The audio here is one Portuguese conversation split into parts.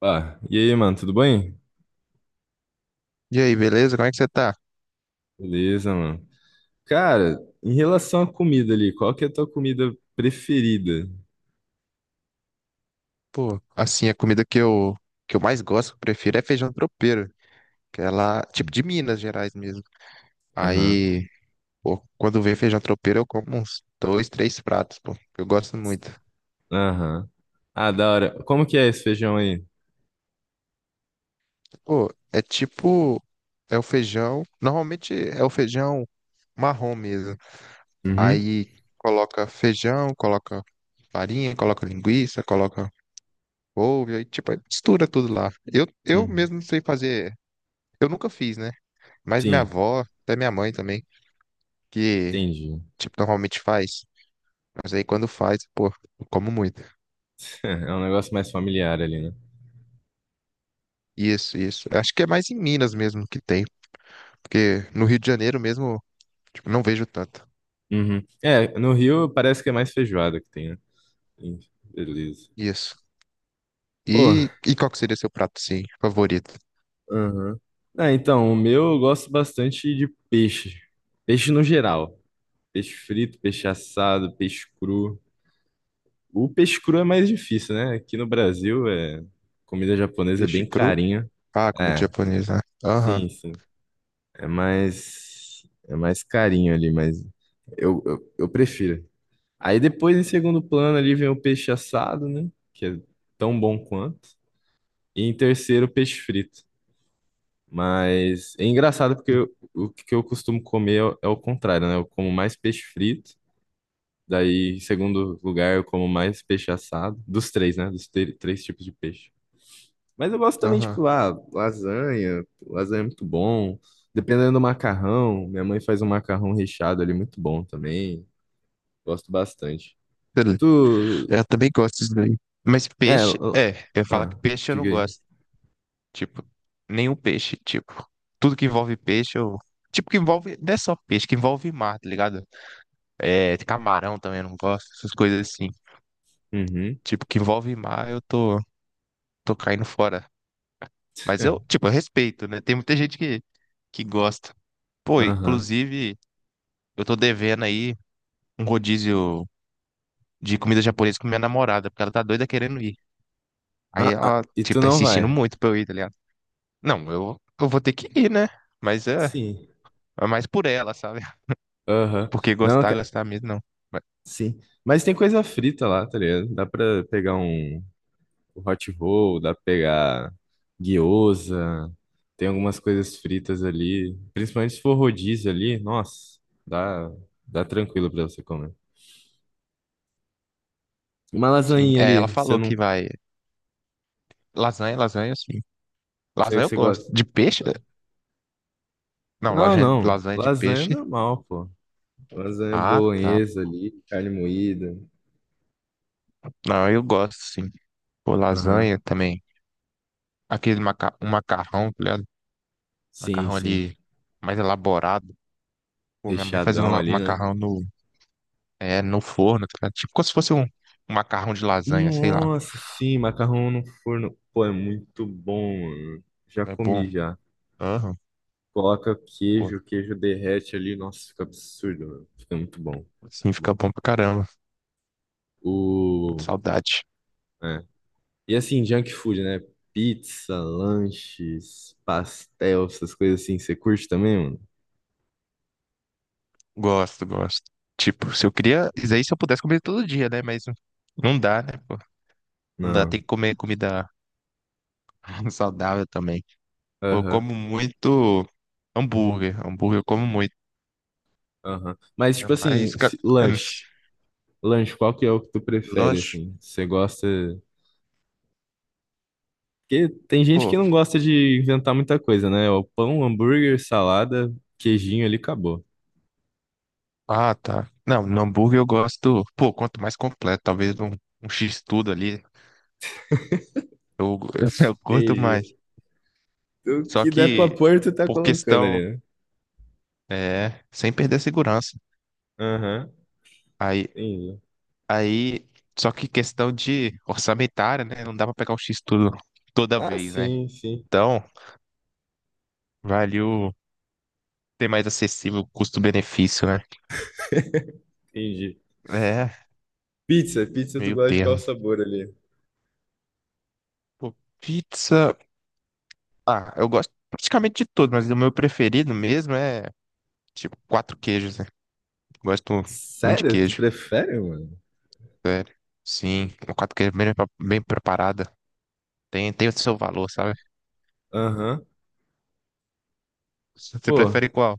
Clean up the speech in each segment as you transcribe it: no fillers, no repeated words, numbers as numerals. Ah, e aí, mano, tudo bem? E aí, beleza? Como é que você tá? Beleza, mano. Cara, em relação à comida ali, qual que é a tua comida preferida? Pô, assim, a comida que eu mais gosto, que eu prefiro, é feijão tropeiro, que é lá, tipo de Minas Gerais mesmo. Aham, Aí, pô, quando vem feijão tropeiro, eu como uns dois, três pratos, pô, que eu gosto muito. aham. Ah, da hora. Como que é esse feijão aí? Pô, é tipo, é o feijão, normalmente é o feijão marrom mesmo. Uhum, Aí, coloca feijão, coloca farinha, coloca linguiça, coloca couve, aí, tipo, aí mistura tudo lá. Eu uhum. mesmo não sei fazer, eu nunca fiz, né? Mas minha Sim, avó, até minha mãe também, que, entendi. tipo, normalmente faz. Mas aí quando faz, pô, eu como muito. É um negócio mais familiar ali, né? Isso, isso. Eu acho que é mais em Minas mesmo que tem. Porque no Rio de Janeiro mesmo, tipo, não vejo tanto. Uhum. É, no Rio parece que é mais feijoada que tem, né? Sim. Beleza. Isso. Pô, E qual que seria seu prato, sim, favorito? aham. Ah, então, o meu eu gosto bastante de peixe. Peixe no geral. Peixe frito, peixe assado, peixe cru. O peixe cru é mais difícil, né? Aqui no Brasil, comida japonesa é Peixe bem cru? carinha. Ah, comida É, japonesa, né? Aham, sim, sim. É mais, é mais carinho ali, mas eu prefiro. Aí depois, em segundo plano, ali vem o peixe assado, né? Que é tão bom quanto. E em terceiro, o peixe frito. Mas é engraçado porque o que eu costumo comer é o contrário, né? Eu como mais peixe frito. Daí, em segundo lugar, eu como mais peixe assado. Dos três, né? Dos três tipos de peixe. Mas eu gosto também, aham. tipo, ah, lasanha é muito bom. Dependendo do macarrão, minha mãe faz um macarrão recheado ali muito bom também. Gosto bastante. Beleza. Tu, Eu também gosto disso daí. Mas é, peixe, l- é, eu ia falar que ah, peixe eu não diga aí. gosto. Tipo, nenhum peixe, tipo, tudo que envolve peixe, eu. Tipo, que envolve. Não é só peixe, que envolve mar, tá ligado? É, camarão também, eu não gosto, essas coisas assim. Uhum. Tipo, que envolve mar, eu tô, tô caindo fora. Mas eu, tipo, eu respeito, né? Tem muita gente que gosta. Pô, Aham. inclusive, eu tô devendo aí um rodízio de comida japonesa com minha namorada, porque ela tá doida querendo ir. Aí Ah, ela, e tu tipo, tá não insistindo vai? muito pra eu ir, tá ligado? Não, eu vou ter que ir, né? Mas é, Sim. é mais por ela, sabe? Aham. Porque Não, gostar, gostar mesmo, não. Mas, sim. Mas tem coisa frita lá, tá ligado? Dá pra pegar o hot roll, dá pra pegar gyoza, tem algumas coisas fritas ali. Principalmente se for rodízio ali, nossa, dá, dá tranquilo pra você comer. Uma sim, lasanha é, ali, ela você falou que não, vai. Lasanha, lasanha, sim. você, Lasanha eu você gosto. De gosta? peixe? Não, Não, lasanha, não, lasanha de lasanha é peixe. normal, pô. Lasanha Ah, tá. bolonhesa ali, carne moída. Não, eu gosto, sim. Pô, Aham. lasanha também. Aquele maca... um macarrão, tá ligado? Sim, Macarrão sim. ali mais elaborado. Pô, minha mãe fazia Recheadão um ali, né? macarrão no, é, no forno, tá ligado? Tipo como se fosse um macarrão de lasanha, sei lá. Nossa, sim, macarrão no forno. Pô, é muito bom, mano. Já É bom. comi já. Aham, Coloca pô. queijo, o queijo derrete ali. Nossa, fica absurdo, mano. Fica muito bom. Sim, Muito fica bom. bom pra caramba. Muito O... saudade. É. E assim, junk food, né? Pizza, lanches, pastel, essas coisas assim. Você curte também, mano? Gosto, gosto. Tipo, se eu queria. Isso aí se eu pudesse comer todo dia, né? Mas não dá, né, pô? Não dá, tem Não. que comer comida saudável também. Pô, eu Aham, como muito hambúrguer. Hambúrguer eu como muito. aham. Mas, Ainda tipo mais. assim, é, lanche. Lanche, qual que é o que tu prefere, Lanche. assim? Você gosta... Porque tem gente que Pô. não gosta de inventar muita coisa, né? É o pão, hambúrguer, salada, queijinho ali, acabou. Ah, tá. Não, no hambúrguer eu gosto. Pô, quanto mais completo, talvez um, um X-tudo ali. Eu, eu curto Entendi. mais. O Só que der pra que, pôr, tu tá por colocando questão. ali. É, sem perder a segurança. Aham, Aí, entendi. Aí, só que questão de orçamentária, né? Não dá pra pegar o X tudo toda Ah, vez, né? sim, sim, Então, vale o ter mais acessível custo-benefício, né? entendi. É, Pizza, tu meio gosta de qual termo. sabor ali? Pô, pizza. Ah, eu gosto praticamente de tudo, mas o meu preferido mesmo é tipo quatro queijos, né? Gosto muito de Sério? Tu queijo, prefere, mano? sério. Sim, uma quatro queijos bem, bem preparada. Tem o seu valor, sabe? Aham. Você Pô, prefere qual?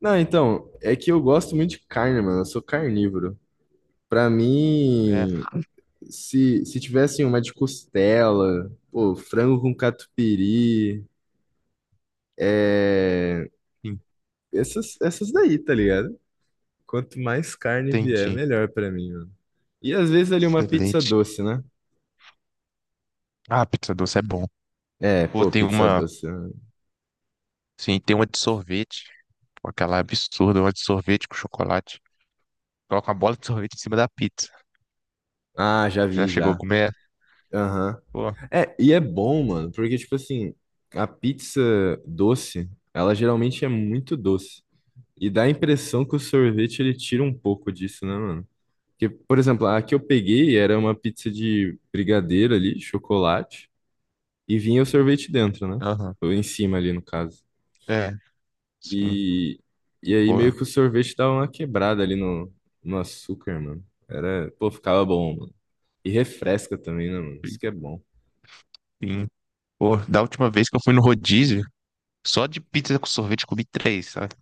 não, então, é que eu gosto muito de carne, mano. Eu sou carnívoro. Pra É, mim, se tivesse uma de costela, pô, frango com catupiry, é. Essas daí, tá ligado? Quanto mais carne vier, entendi. melhor pra mim, mano. E às vezes ali uma pizza Excelente. doce, né? Ah, pizza doce é bom. É, Pô, pô, tem pizza uma. doce. Sim, tem uma de sorvete. Pô, aquela absurda, uma de sorvete com chocolate. Coloca uma bola de sorvete em cima da pizza. Ah, já Já vi, chegou a já. comer? Aham. Pô, É, e é bom, mano, porque, tipo assim, a pizza doce, ela geralmente é muito doce. E dá a impressão que o sorvete, ele tira um pouco disso, né, mano? Porque, por exemplo, a que eu peguei era uma pizza de brigadeiro ali, chocolate, e vinha o sorvete dentro, né? aham. Ou em cima ali, no caso. É, sim, E, e aí meio pô. que o sorvete dava uma quebrada ali no açúcar, mano. Era, pô, ficava bom, mano. E refresca também, né, mano? Isso que é bom. Sim. Pô, da última vez que eu fui no rodízio, só de pizza com sorvete eu comi três, sabe?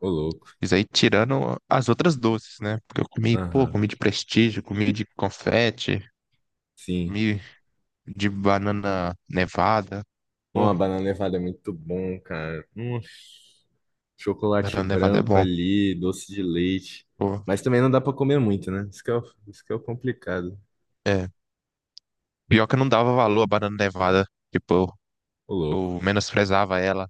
Ô, louco. Isso aí tirando as outras doces, né? Porque eu comi, pô, Aham, comi de prestígio, comi de confete, sim. comi de banana nevada. Pô, Uma banana nevada é muito bom, cara. Um chocolate banana nevada é branco bom. ali, doce de leite. Pô, Mas também não dá pra comer muito, né? Isso que é o complicado. é. Pior que eu não dava valor à banana nevada. Tipo, Ô, louco. eu menosprezava ela.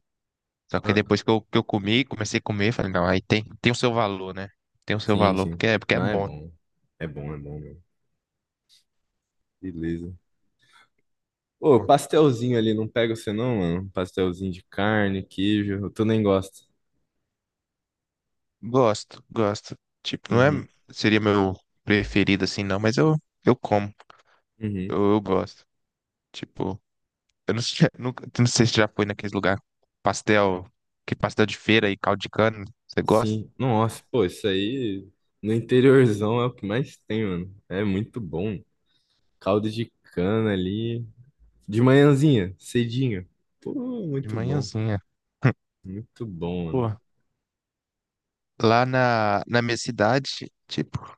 Só que aí Ah, depois que eu comi, comecei a comer, falei, não, aí tem o seu valor, né? Tem o seu sim, valor, sim. porque é Não, é bom. bom. É bom, é bom, mano. Beleza. Ô, Pô, pastelzinho ali, não pega você não, mano? Pastelzinho de carne, queijo. Tu nem gosta. gosto, gosto. Tipo, não Uhum, é, seria meu preferido assim, não, mas eu como, uhum. eu gosto. Tipo. Eu não sei, nunca, não sei se já foi naqueles lugar. Pastel, que pastel de feira e caldo de cana. Você gosta? Sim. Nossa, pô, isso aí no interiorzão é o que mais tem, mano. É muito bom. Caldo de cana ali. De manhãzinha, cedinho. Pô, De muito bom. manhãzinha. Muito bom, mano. Pô, lá na minha cidade, tipo,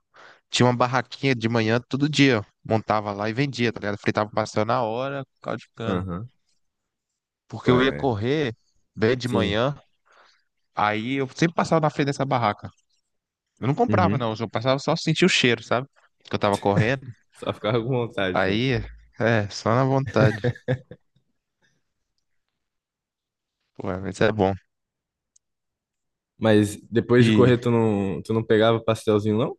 tinha uma barraquinha de manhã todo dia. Montava lá e vendia, tá ligado? Fritava o pastel na hora, com caldo de cana. Aham. Porque Pô, eu ia é. correr bem de Sim. manhã, aí eu sempre passava na frente dessa barraca. Eu não comprava, Uhum. não. Eu só passava só sentia o cheiro, sabe? Que eu tava correndo. Só ficava com vontade, só. Aí, é, só na vontade. Pô, mas é bom. Mas depois de E, correr, tu não pegava pastelzinho, não?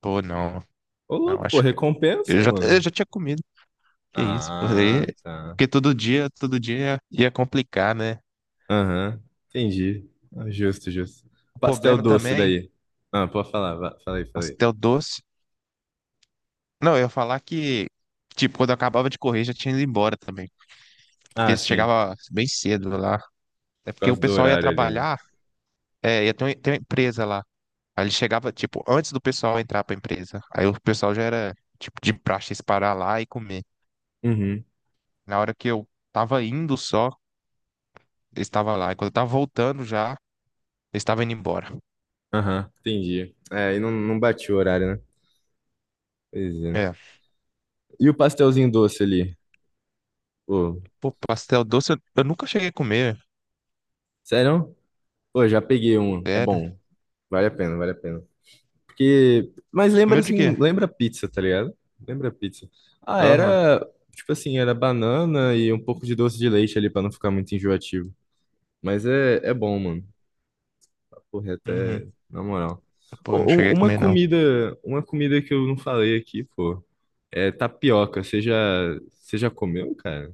pô, não. Ô, Não, louco, pô, acho que. recompensa, Eu mano. já tinha comido. Que isso, pô. Ah, tá. Porque todo dia ia complicar, né? Aham. Entendi. Ah, justo, justo. O Pastel problema doce também, daí. Ah, pode falar. Fala aí, fala aí. pastel doce. Não, eu ia falar que, tipo, quando eu acabava de correr, já tinha ido embora também. Porque Ah, sim. chegava bem cedo lá. É Por porque o causa do pessoal ia horário ali, né? trabalhar, é, ia ter uma empresa lá. Aí ele chegava, tipo, antes do pessoal entrar pra empresa. Aí o pessoal já era, tipo, de praxe eles parar lá e comer. Uhum. Na hora que eu tava indo só, eles estavam lá. E quando eu tava voltando já, eles estavam indo embora. Aham. Entendi. É, e não, não bati o horário, né? Pois é. é E o pastelzinho doce ali? Pô, Pô, pastel doce, eu nunca cheguei a comer. sério? Pô, já peguei um. É Sério. bom. Vale a pena, vale a pena. Porque. Mas lembra Comeu de quê? assim, lembra pizza, tá ligado? Lembra pizza. Ah, Aham. era. Tipo assim, era banana e um pouco de doce de leite ali pra não ficar muito enjoativo. Mas é bom, mano. Porra, Uhum. até. Na moral. Pô, não Ô, cheguei a uma comer, não. comida. Uma comida que eu não falei aqui, pô. É tapioca. Você já. Você já comeu, cara?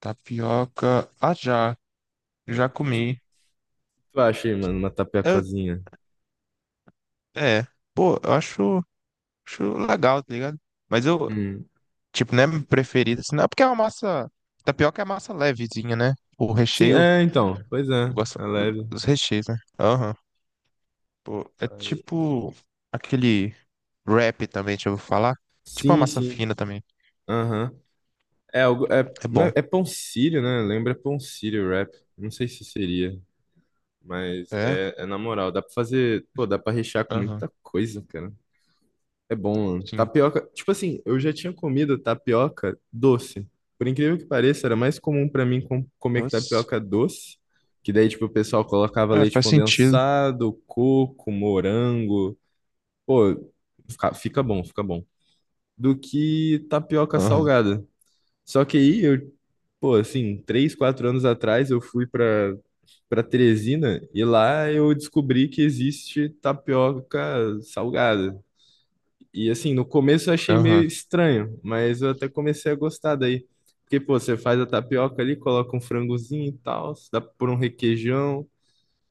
Tapioca. Ah, já. Já comi. Tu acha aí, mano, uma Eu, tapiocazinha? é. Pô, eu acho, acho legal, tá ligado? Mas eu, tipo, não é meu preferido, assim, não. Porque é uma massa. Tapioca é massa levezinha, né? O Sim, recheio. é, então. Pois Eu é, gosto é leve. dos recheios, né? Aham. Pô, é Aí- tipo. Aquele wrap também, deixa eu falar. Tipo uma Sim, massa sim. fina também. Aham. É algo. É, É não bom. é, é pão sírio, né? Lembra pão sírio rap. Não sei se seria, mas É? é na moral. Dá pra fazer. Pô, dá pra rechear com Aham. muita coisa, cara. É bom, mano. Sim. Tapioca. Tipo assim, eu já tinha comido tapioca doce. Por incrível que pareça, era mais comum pra mim comer Doce. tapioca doce. Que daí, tipo, o pessoal colocava É, leite faz sentido. condensado, coco, morango. Pô, fica bom, fica bom. Do que tapioca Aham, salgada. Só que aí eu, pô, assim, 3, 4 anos atrás eu fui para Teresina e lá eu descobri que existe tapioca salgada. E assim, no começo eu achei meio aham, estranho, mas eu até comecei a gostar daí. Porque, pô, você faz a tapioca ali, coloca um frangozinho e tal, dá por um requeijão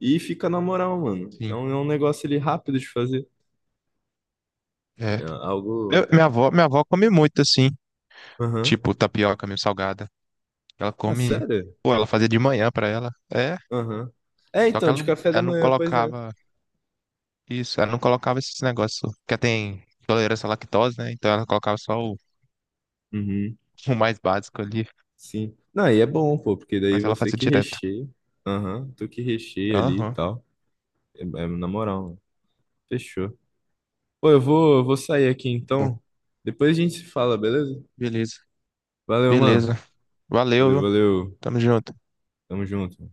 e fica na moral, mano. É sim. um, é um negócio ali rápido de fazer. É É. Algo. Minha avó come muito assim, Aham. tipo tapioca meio salgada. Ela Ah, come, sério? pô, ela fazia de manhã pra ela. É, Aham. É, só que então, ela de não, café da ela não manhã, pois é. colocava isso, ela não colocava esses negócios, que tem intolerância à lactose, né? Então ela colocava só o, Uhum. o mais básico ali, Sim. Não, aí é bom, pô, porque daí mas ela você fazia que direto. recheia. Aham, tu que recheia ali e Aham, tal. É na moral, mano. Fechou. Pô, eu vou sair aqui bom, então. Depois a gente se fala, beleza? beleza. Valeu, mano. Beleza. Valeu, Valeu, viu? valeu. Tamo junto. Tamo junto.